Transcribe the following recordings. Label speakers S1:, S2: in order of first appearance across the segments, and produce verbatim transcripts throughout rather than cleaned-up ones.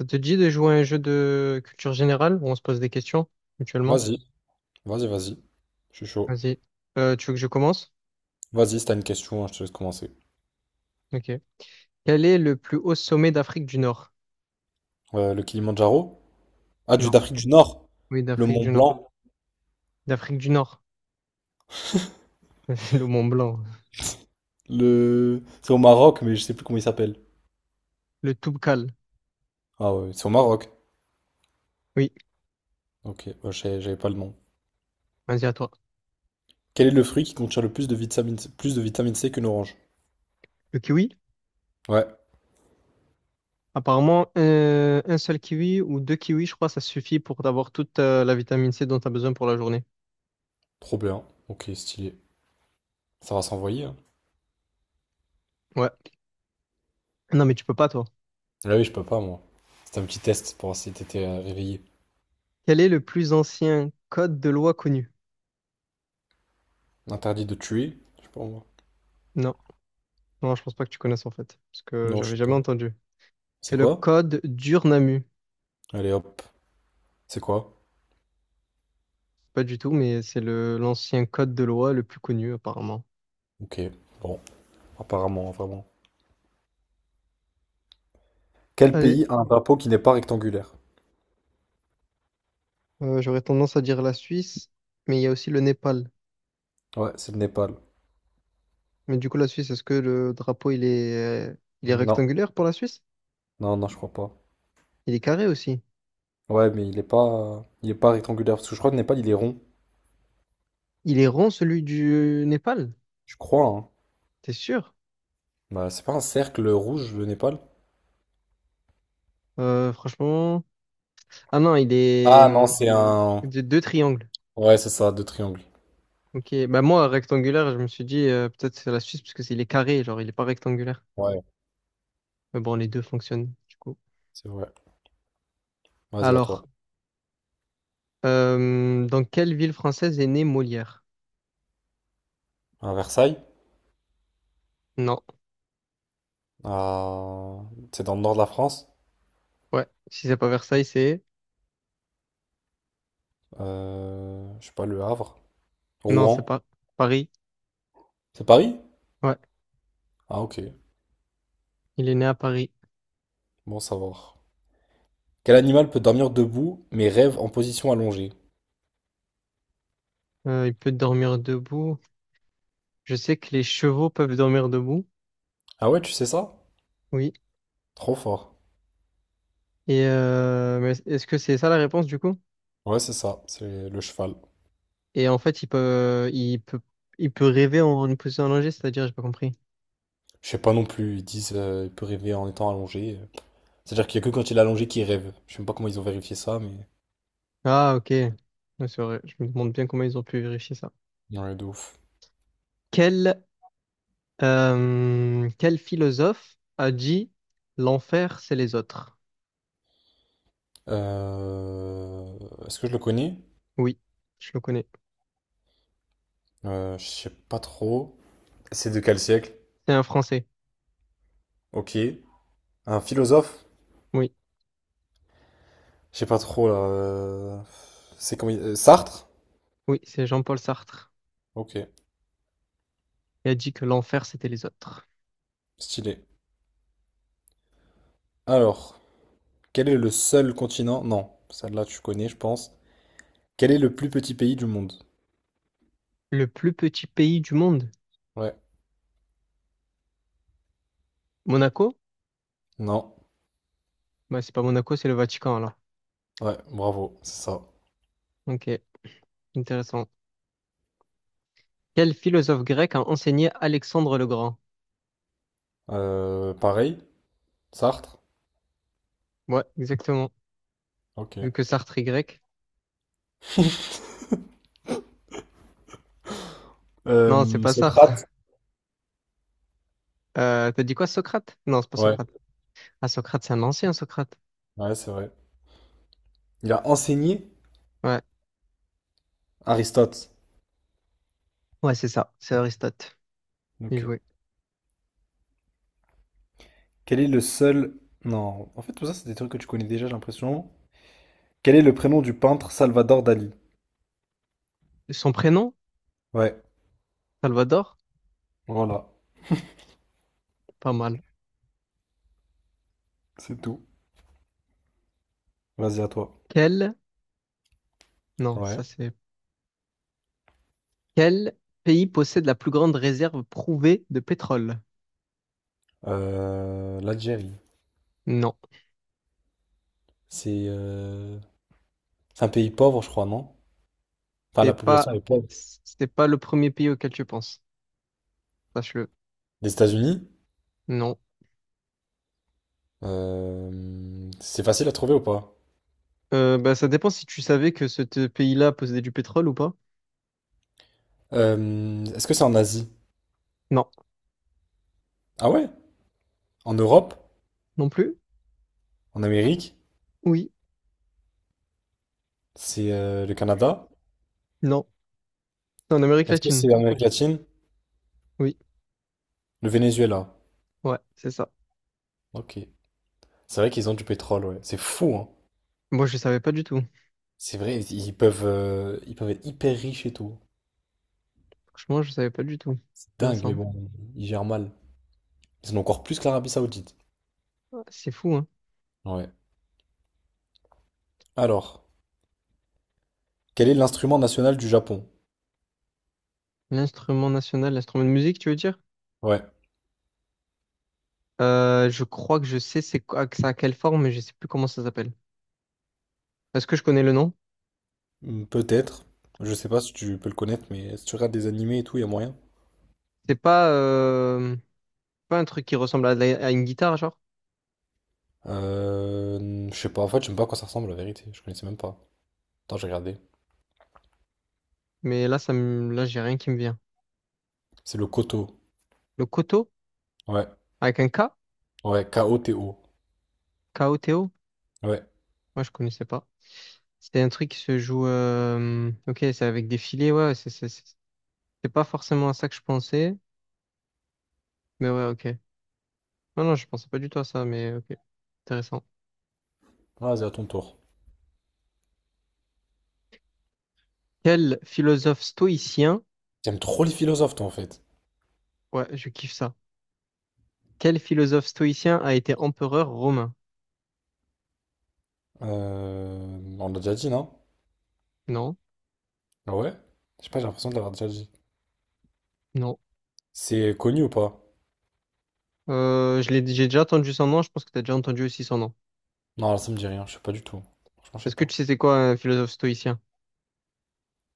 S1: Ça te dit de jouer à un jeu de culture générale où on se pose des questions mutuellement?
S2: Vas-y, vas-y, vas-y. Je suis chaud.
S1: Vas-y. Euh, tu veux que je commence?
S2: Vas-y, si t'as une question, hein, je te laisse commencer.
S1: Ok. Quel est le plus haut sommet d'Afrique du Nord?
S2: Euh, le Kilimandjaro? Ah, du
S1: Non.
S2: d'Afrique du Nord.
S1: Oui,
S2: Le
S1: d'Afrique
S2: Mont
S1: du Nord.
S2: Blanc.
S1: D'Afrique du Nord. Le Mont Blanc.
S2: Le... C'est au Maroc, mais je sais plus comment il s'appelle.
S1: Le Toubkal.
S2: Ah ouais, c'est au Maroc.
S1: Oui.
S2: Ok, ouais, je sais- j'avais pas le nom.
S1: Vas-y, à toi.
S2: Quel est le fruit qui contient le plus de vitamine C, plus de vitamine C qu'une orange?
S1: Le kiwi?
S2: Ouais,
S1: Apparemment, euh, un seul kiwi ou deux kiwis, je crois, ça suffit pour avoir toute euh, la vitamine C dont tu as besoin pour la journée.
S2: trop bien. Ok, stylé. Ça va s'envoyer, hein.
S1: Ouais. Non, mais tu peux pas, toi.
S2: Ah oui, je peux pas, moi. C'était un petit test pour voir si t'étais euh, réveillé.
S1: Quel est le plus ancien code de loi connu?
S2: Interdit de tuer? Je sais pas, moi.
S1: Non. Non, je pense pas que tu connaisses en fait, parce que
S2: Non, je
S1: j'avais
S2: sais
S1: jamais
S2: pas.
S1: entendu.
S2: C'est
S1: C'est le
S2: quoi?
S1: code d'Urnamu.
S2: Allez, hop. C'est quoi?
S1: Pas du tout, mais c'est le l'ancien code de loi le plus connu apparemment.
S2: Ok, bon. Apparemment, vraiment. Quel
S1: Allez,
S2: pays a un drapeau qui n'est pas rectangulaire?
S1: euh, j'aurais tendance à dire la Suisse, mais il y a aussi le Népal.
S2: Ouais, c'est le Népal.
S1: Mais du coup, la Suisse, est-ce que le drapeau, il est, euh, il est
S2: Non,
S1: rectangulaire pour la Suisse?
S2: non, non, je crois pas.
S1: Il est carré aussi.
S2: Ouais, mais il est pas, il est pas rectangulaire parce que je crois que le Népal il est rond.
S1: Il est rond, celui du Népal?
S2: Je crois, hein.
S1: T'es sûr?
S2: Bah, c'est pas un cercle rouge le Népal?
S1: Euh, franchement... Ah non, il est
S2: Ah non,
S1: hum,
S2: c'est un.
S1: de deux triangles.
S2: Ouais, c'est ça, deux triangles.
S1: Ok, bah moi, rectangulaire, je me suis dit, euh, peut-être c'est la Suisse, parce que c'est- il est carré, genre, il est pas rectangulaire.
S2: Ouais,
S1: Mais bon, les deux fonctionnent, du coup.
S2: c'est vrai. Vas-y, à toi.
S1: Alors... Euh, dans quelle ville française est né Molière?
S2: À Versailles,
S1: Non.
S2: à... c'est dans le nord de la France.
S1: Ouais. Si c'est pas Versailles, c'est...
S2: Euh, Je sais pas, Le Havre.
S1: Non, c'est
S2: Rouen.
S1: pas Paris.
S2: C'est Paris?
S1: Ouais.
S2: Ah ok,
S1: Il est né à Paris.
S2: bon savoir. Quel animal peut dormir debout mais rêve en position allongée?
S1: Euh, il peut dormir debout. Je sais que les chevaux peuvent dormir debout.
S2: Ah ouais, tu sais ça?
S1: Oui.
S2: Trop fort.
S1: Et euh, mais est-ce que c'est ça la réponse du coup?
S2: Ouais, c'est ça, c'est le cheval.
S1: Et en fait, il peut, il peut, il peut rêver en une position allongée, c'est-à-dire, j'ai pas compris.
S2: Je sais pas non plus, ils disent euh, il peut rêver en étant allongé. C'est-à-dire qu'il y a que quand il est allongé qu'il rêve. Je sais même pas comment ils ont vérifié ça, mais...
S1: Ah, ok. Ouais, c'est vrai. Je me demande bien comment ils ont pu vérifier ça.
S2: Ouais, de ouf.
S1: Quel, euh, Quel philosophe a dit l'enfer, c'est les autres?
S2: Euh, Est-ce que je le connais?
S1: Oui, je le connais.
S2: Euh, je sais pas trop. C'est de quel siècle?
S1: C'est un Français.
S2: Ok. Un philosophe?
S1: Oui,
S2: Je sais pas trop, là. euh, C'est comme... il- euh, Sartre?
S1: oui, c'est Jean-Paul Sartre.
S2: Ok,
S1: Il a dit que l'enfer, c'était les autres.
S2: stylé. Alors, quel est le seul continent? Non, celle-là tu connais, je pense. Quel est le plus petit pays du monde?
S1: Le plus petit pays du monde.
S2: Ouais.
S1: Monaco?
S2: Non.
S1: Bah, c'est pas Monaco, c'est le Vatican, alors.
S2: Ouais, bravo, c'est ça.
S1: Ok, intéressant. Quel philosophe grec a enseigné Alexandre le Grand?
S2: Euh, pareil, Sartre.
S1: Ouais, exactement.
S2: Ok.
S1: Vu que Sartre est grec. Non, c'est
S2: Euh,
S1: pas Sartre.
S2: Socrate.
S1: Euh, t'as dit quoi, Socrate? Non, c'est pas
S2: Ouais,
S1: Socrate. Ah, Socrate, c'est un ancien Socrate.
S2: ouais, c'est vrai. Il a enseigné
S1: Ouais,
S2: Aristote.
S1: ouais, c'est ça. C'est Aristote. Bien
S2: Ok.
S1: joué.
S2: Quel est le seul... Non, en fait, tout ça, c'est des trucs que tu connais déjà, j'ai l'impression. Quel est le prénom du peintre Salvador Dali?
S1: Son prénom?
S2: Ouais,
S1: Salvador?
S2: voilà,
S1: Pas mal.
S2: c'est tout. Vas-y, à toi.
S1: Quel? Non, ça
S2: Ouais.
S1: c'est Quel pays possède la plus grande réserve prouvée de pétrole?
S2: Euh, L'Algérie.
S1: Non,
S2: C'est euh, c'est un pays pauvre, je crois, non? Enfin,
S1: c'est
S2: la population
S1: pas
S2: est pauvre.
S1: c'est pas le premier pays auquel tu penses. Sache-le.
S2: Des États-Unis?
S1: Non.
S2: Euh, c'est facile à trouver ou pas?
S1: Euh, bah, ça dépend si tu savais que ce te- pays-là possédait du pétrole ou pas.
S2: Euh, est-ce que c'est en Asie?
S1: Non.
S2: Ah ouais? En Europe?
S1: Non plus?
S2: En Amérique?
S1: Oui.
S2: C'est euh, Le Canada?
S1: Non. C'est en Amérique
S2: Est-ce que
S1: latine.
S2: c'est l'Amérique latine?
S1: Oui.
S2: Le Venezuela.
S1: Ouais, c'est ça.
S2: Ok. C'est vrai qu'ils ont du pétrole, ouais. C'est fou, hein.
S1: Moi, je savais pas du tout.
S2: C'est vrai, ils peuvent, euh, ils peuvent être hyper riches et tout.
S1: Franchement, je savais pas du tout.
S2: C'est dingue, mais
S1: Intéressant.
S2: bon, ils gèrent mal. Ils en ont encore plus que l'Arabie Saoudite.
S1: Ouais, c'est fou, hein.
S2: Ouais. Alors, quel est l'instrument national du Japon?
S1: L'instrument national, l'instrument de musique, tu veux dire?
S2: Ouais.
S1: Euh, je crois que je sais c'est quoi, que ça a quelle forme, mais je sais plus comment ça s'appelle. Est-ce que je connais le nom?
S2: Hmm, peut-être. Je sais pas si tu peux le connaître, mais si tu regardes des animés et tout, il y a moyen.
S1: C'est pas, euh, pas un truc qui ressemble à, de la- à une guitare, genre.
S2: Euh, je sais pas, en fait, je sais même pas à quoi ça ressemble, la vérité. Je connaissais même pas. Attends, j'ai regardé.
S1: Mais là, ça me, là, j'ai rien qui me vient.
S2: C'est le Koto.
S1: Le koto,
S2: Ouais.
S1: avec un ka,
S2: Ouais, K O T O.
S1: ka o té o.
S2: Ouais.
S1: Moi, je connaissais pas. C'était un truc qui se joue. euh, Ok, c'est avec des filets, ouais. C'est c'est- c'est- c'est pas forcément à ça que je pensais. Mais ouais, ok. Non, non, je pensais pas du tout à ça, mais ok. Intéressant.
S2: Vas-y, à ton tour.
S1: Quel philosophe stoïcien.
S2: T'aimes trop les philosophes, toi, en fait.
S1: Ouais, je kiffe ça. Quel philosophe stoïcien a été empereur romain?
S2: Euh, On l'a déjà dit, non?
S1: Non,
S2: Ah ouais? Je sais pas, j'ai l'impression de l'avoir déjà dit.
S1: non.
S2: C'est connu ou pas?
S1: Euh, je l'ai, j'ai déjà entendu son nom, je pense que t'as déjà entendu aussi son nom.
S2: Non, là, ça me dit rien. Je sais pas du tout. Franchement, je sais
S1: Est-ce que
S2: pas.
S1: tu sais c'est quoi un philosophe stoïcien?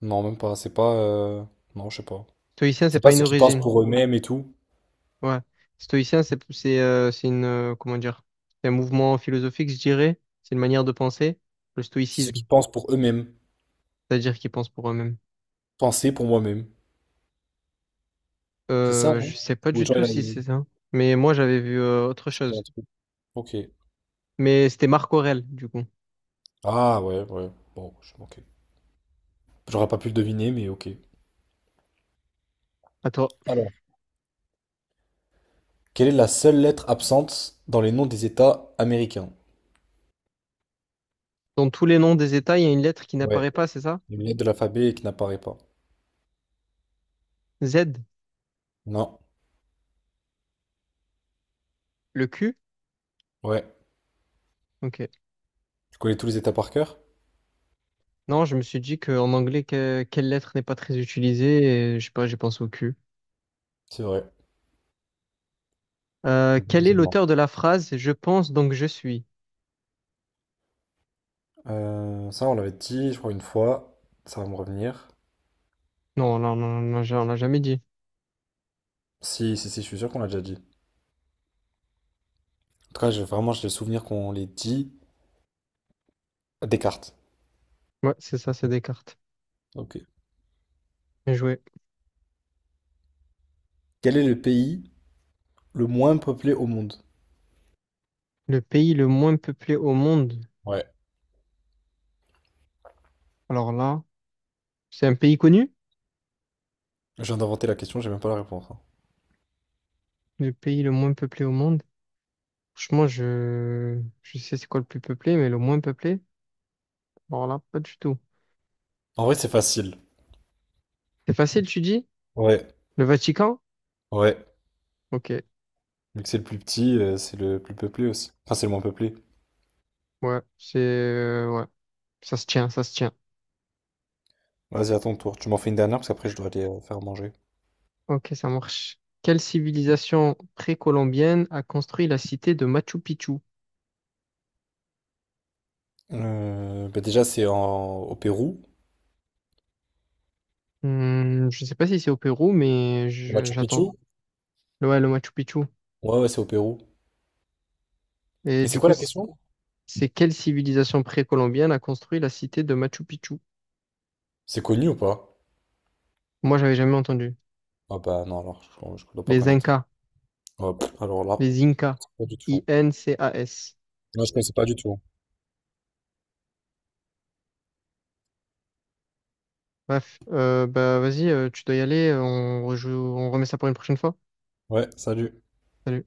S2: Non, même pas. C'est pas. Euh, Non, je sais pas.
S1: Stoïcien, c'est
S2: C'est pas
S1: pas une
S2: ceux qui pensent
S1: origine.
S2: pour eux-mêmes et tout.
S1: Ouais. Stoïcien, c'est c'est euh, c'est une euh, comment dire? C'est un mouvement philosophique, je dirais. C'est une manière de penser. Le
S2: C'est ceux
S1: stoïcisme,
S2: qui pensent pour eux-mêmes.
S1: c'est-à-dire qu'ils pensent pour eux-mêmes.
S2: Penser pour moi-même. C'est ça,
S1: Euh, je
S2: non?
S1: sais pas
S2: Ou
S1: du
S2: genre,
S1: tout
S2: il a.
S1: si
S2: il-
S1: c'est ça. Mais moi, j'avais vu euh, autre
S2: c'est un
S1: chose.
S2: truc. Ok.
S1: Mais c'était Marc Aurèle, du coup.
S2: Ah ouais, ouais. Bon, je... ok. J'aurais pas pu le deviner, mais ok.
S1: Attends.
S2: Quelle est la seule lettre absente dans les noms des États américains?
S1: Dans tous les noms des États, il y a une lettre qui
S2: Ouais.
S1: n'apparaît pas, c'est ça?
S2: Une lettre de l'alphabet qui n'apparaît pas.
S1: Z,
S2: Non.
S1: le ku?
S2: Ouais.
S1: Ok.
S2: Tu connais tous les États par cœur?
S1: Non, je me suis dit qu'en anglais, que- quelle lettre n'est pas très utilisée? Et, je sais pas, j'ai pensé au ku.
S2: C'est vrai.
S1: Euh, quel est
S2: Deuxièmement.
S1: l'auteur de la phrase Je pense donc je suis?
S2: Euh, ça, on l'avait dit, je crois, une fois. Ça va me revenir.
S1: Non, non, non, non, on l'a jamais dit.
S2: Si, si, si, je suis sûr qu'on l'a déjà dit. En tout cas, j'ai vraiment, j'ai le souvenir qu'on l'ait dit. Descartes.
S1: Ouais, c'est ça, c'est Descartes.
S2: Ok.
S1: Bien joué.
S2: Quel est le pays le moins peuplé au monde?
S1: Le pays le moins peuplé au monde.
S2: Ouais.
S1: Alors là, c'est un pays connu?
S2: Je viens d'inventer la question, j'ai même pas la réponse, hein.
S1: Le pays le moins peuplé au monde. Franchement, je, je sais c'est quoi le plus peuplé, mais le moins peuplé? Alors là, pas du tout.
S2: En vrai, c'est facile.
S1: C'est facile, tu dis?
S2: Ouais.
S1: Le Vatican?
S2: Ouais.
S1: Ok.
S2: Vu que c'est le plus petit, euh, c'est le plus peuplé aussi. Enfin, c'est le moins peuplé.
S1: Ouais, c'est, euh, ouais. Ça se tient, ça se tient.
S2: Vas-y, à ton tour. Tu m'en fais une dernière parce qu'après je dois aller euh, faire manger.
S1: Ok, ça marche. Quelle civilisation précolombienne a construit la cité de Machu Picchu?
S2: Euh, bah déjà, c'est en... au Pérou.
S1: Hmm, je sais pas si c'est au Pérou, mais
S2: Au
S1: je-
S2: Machu
S1: j'attends.
S2: Picchu?
S1: Ouais, le Machu Picchu.
S2: Ouais, ouais, c'est au Pérou.
S1: Et
S2: Mais c'est
S1: du
S2: quoi
S1: coup,
S2: la
S1: c-
S2: question?
S1: c'est quelle civilisation précolombienne a construit la cité de Machu Picchu?
S2: C'est connu ou pas?
S1: Moi, j'avais jamais entendu.
S2: Ah bah non, alors je, je dois pas
S1: Les
S2: connaître.
S1: Incas.
S2: Ouais, pff, alors là,
S1: Les Incas.
S2: pas du tout.
S1: i en cé a es.
S2: Non, je connaissais pas du tout.
S1: Bref, euh, bah vas-y, euh, tu dois y aller. On rejoue, on remet ça pour une prochaine fois.
S2: Ouais, salut.
S1: Salut.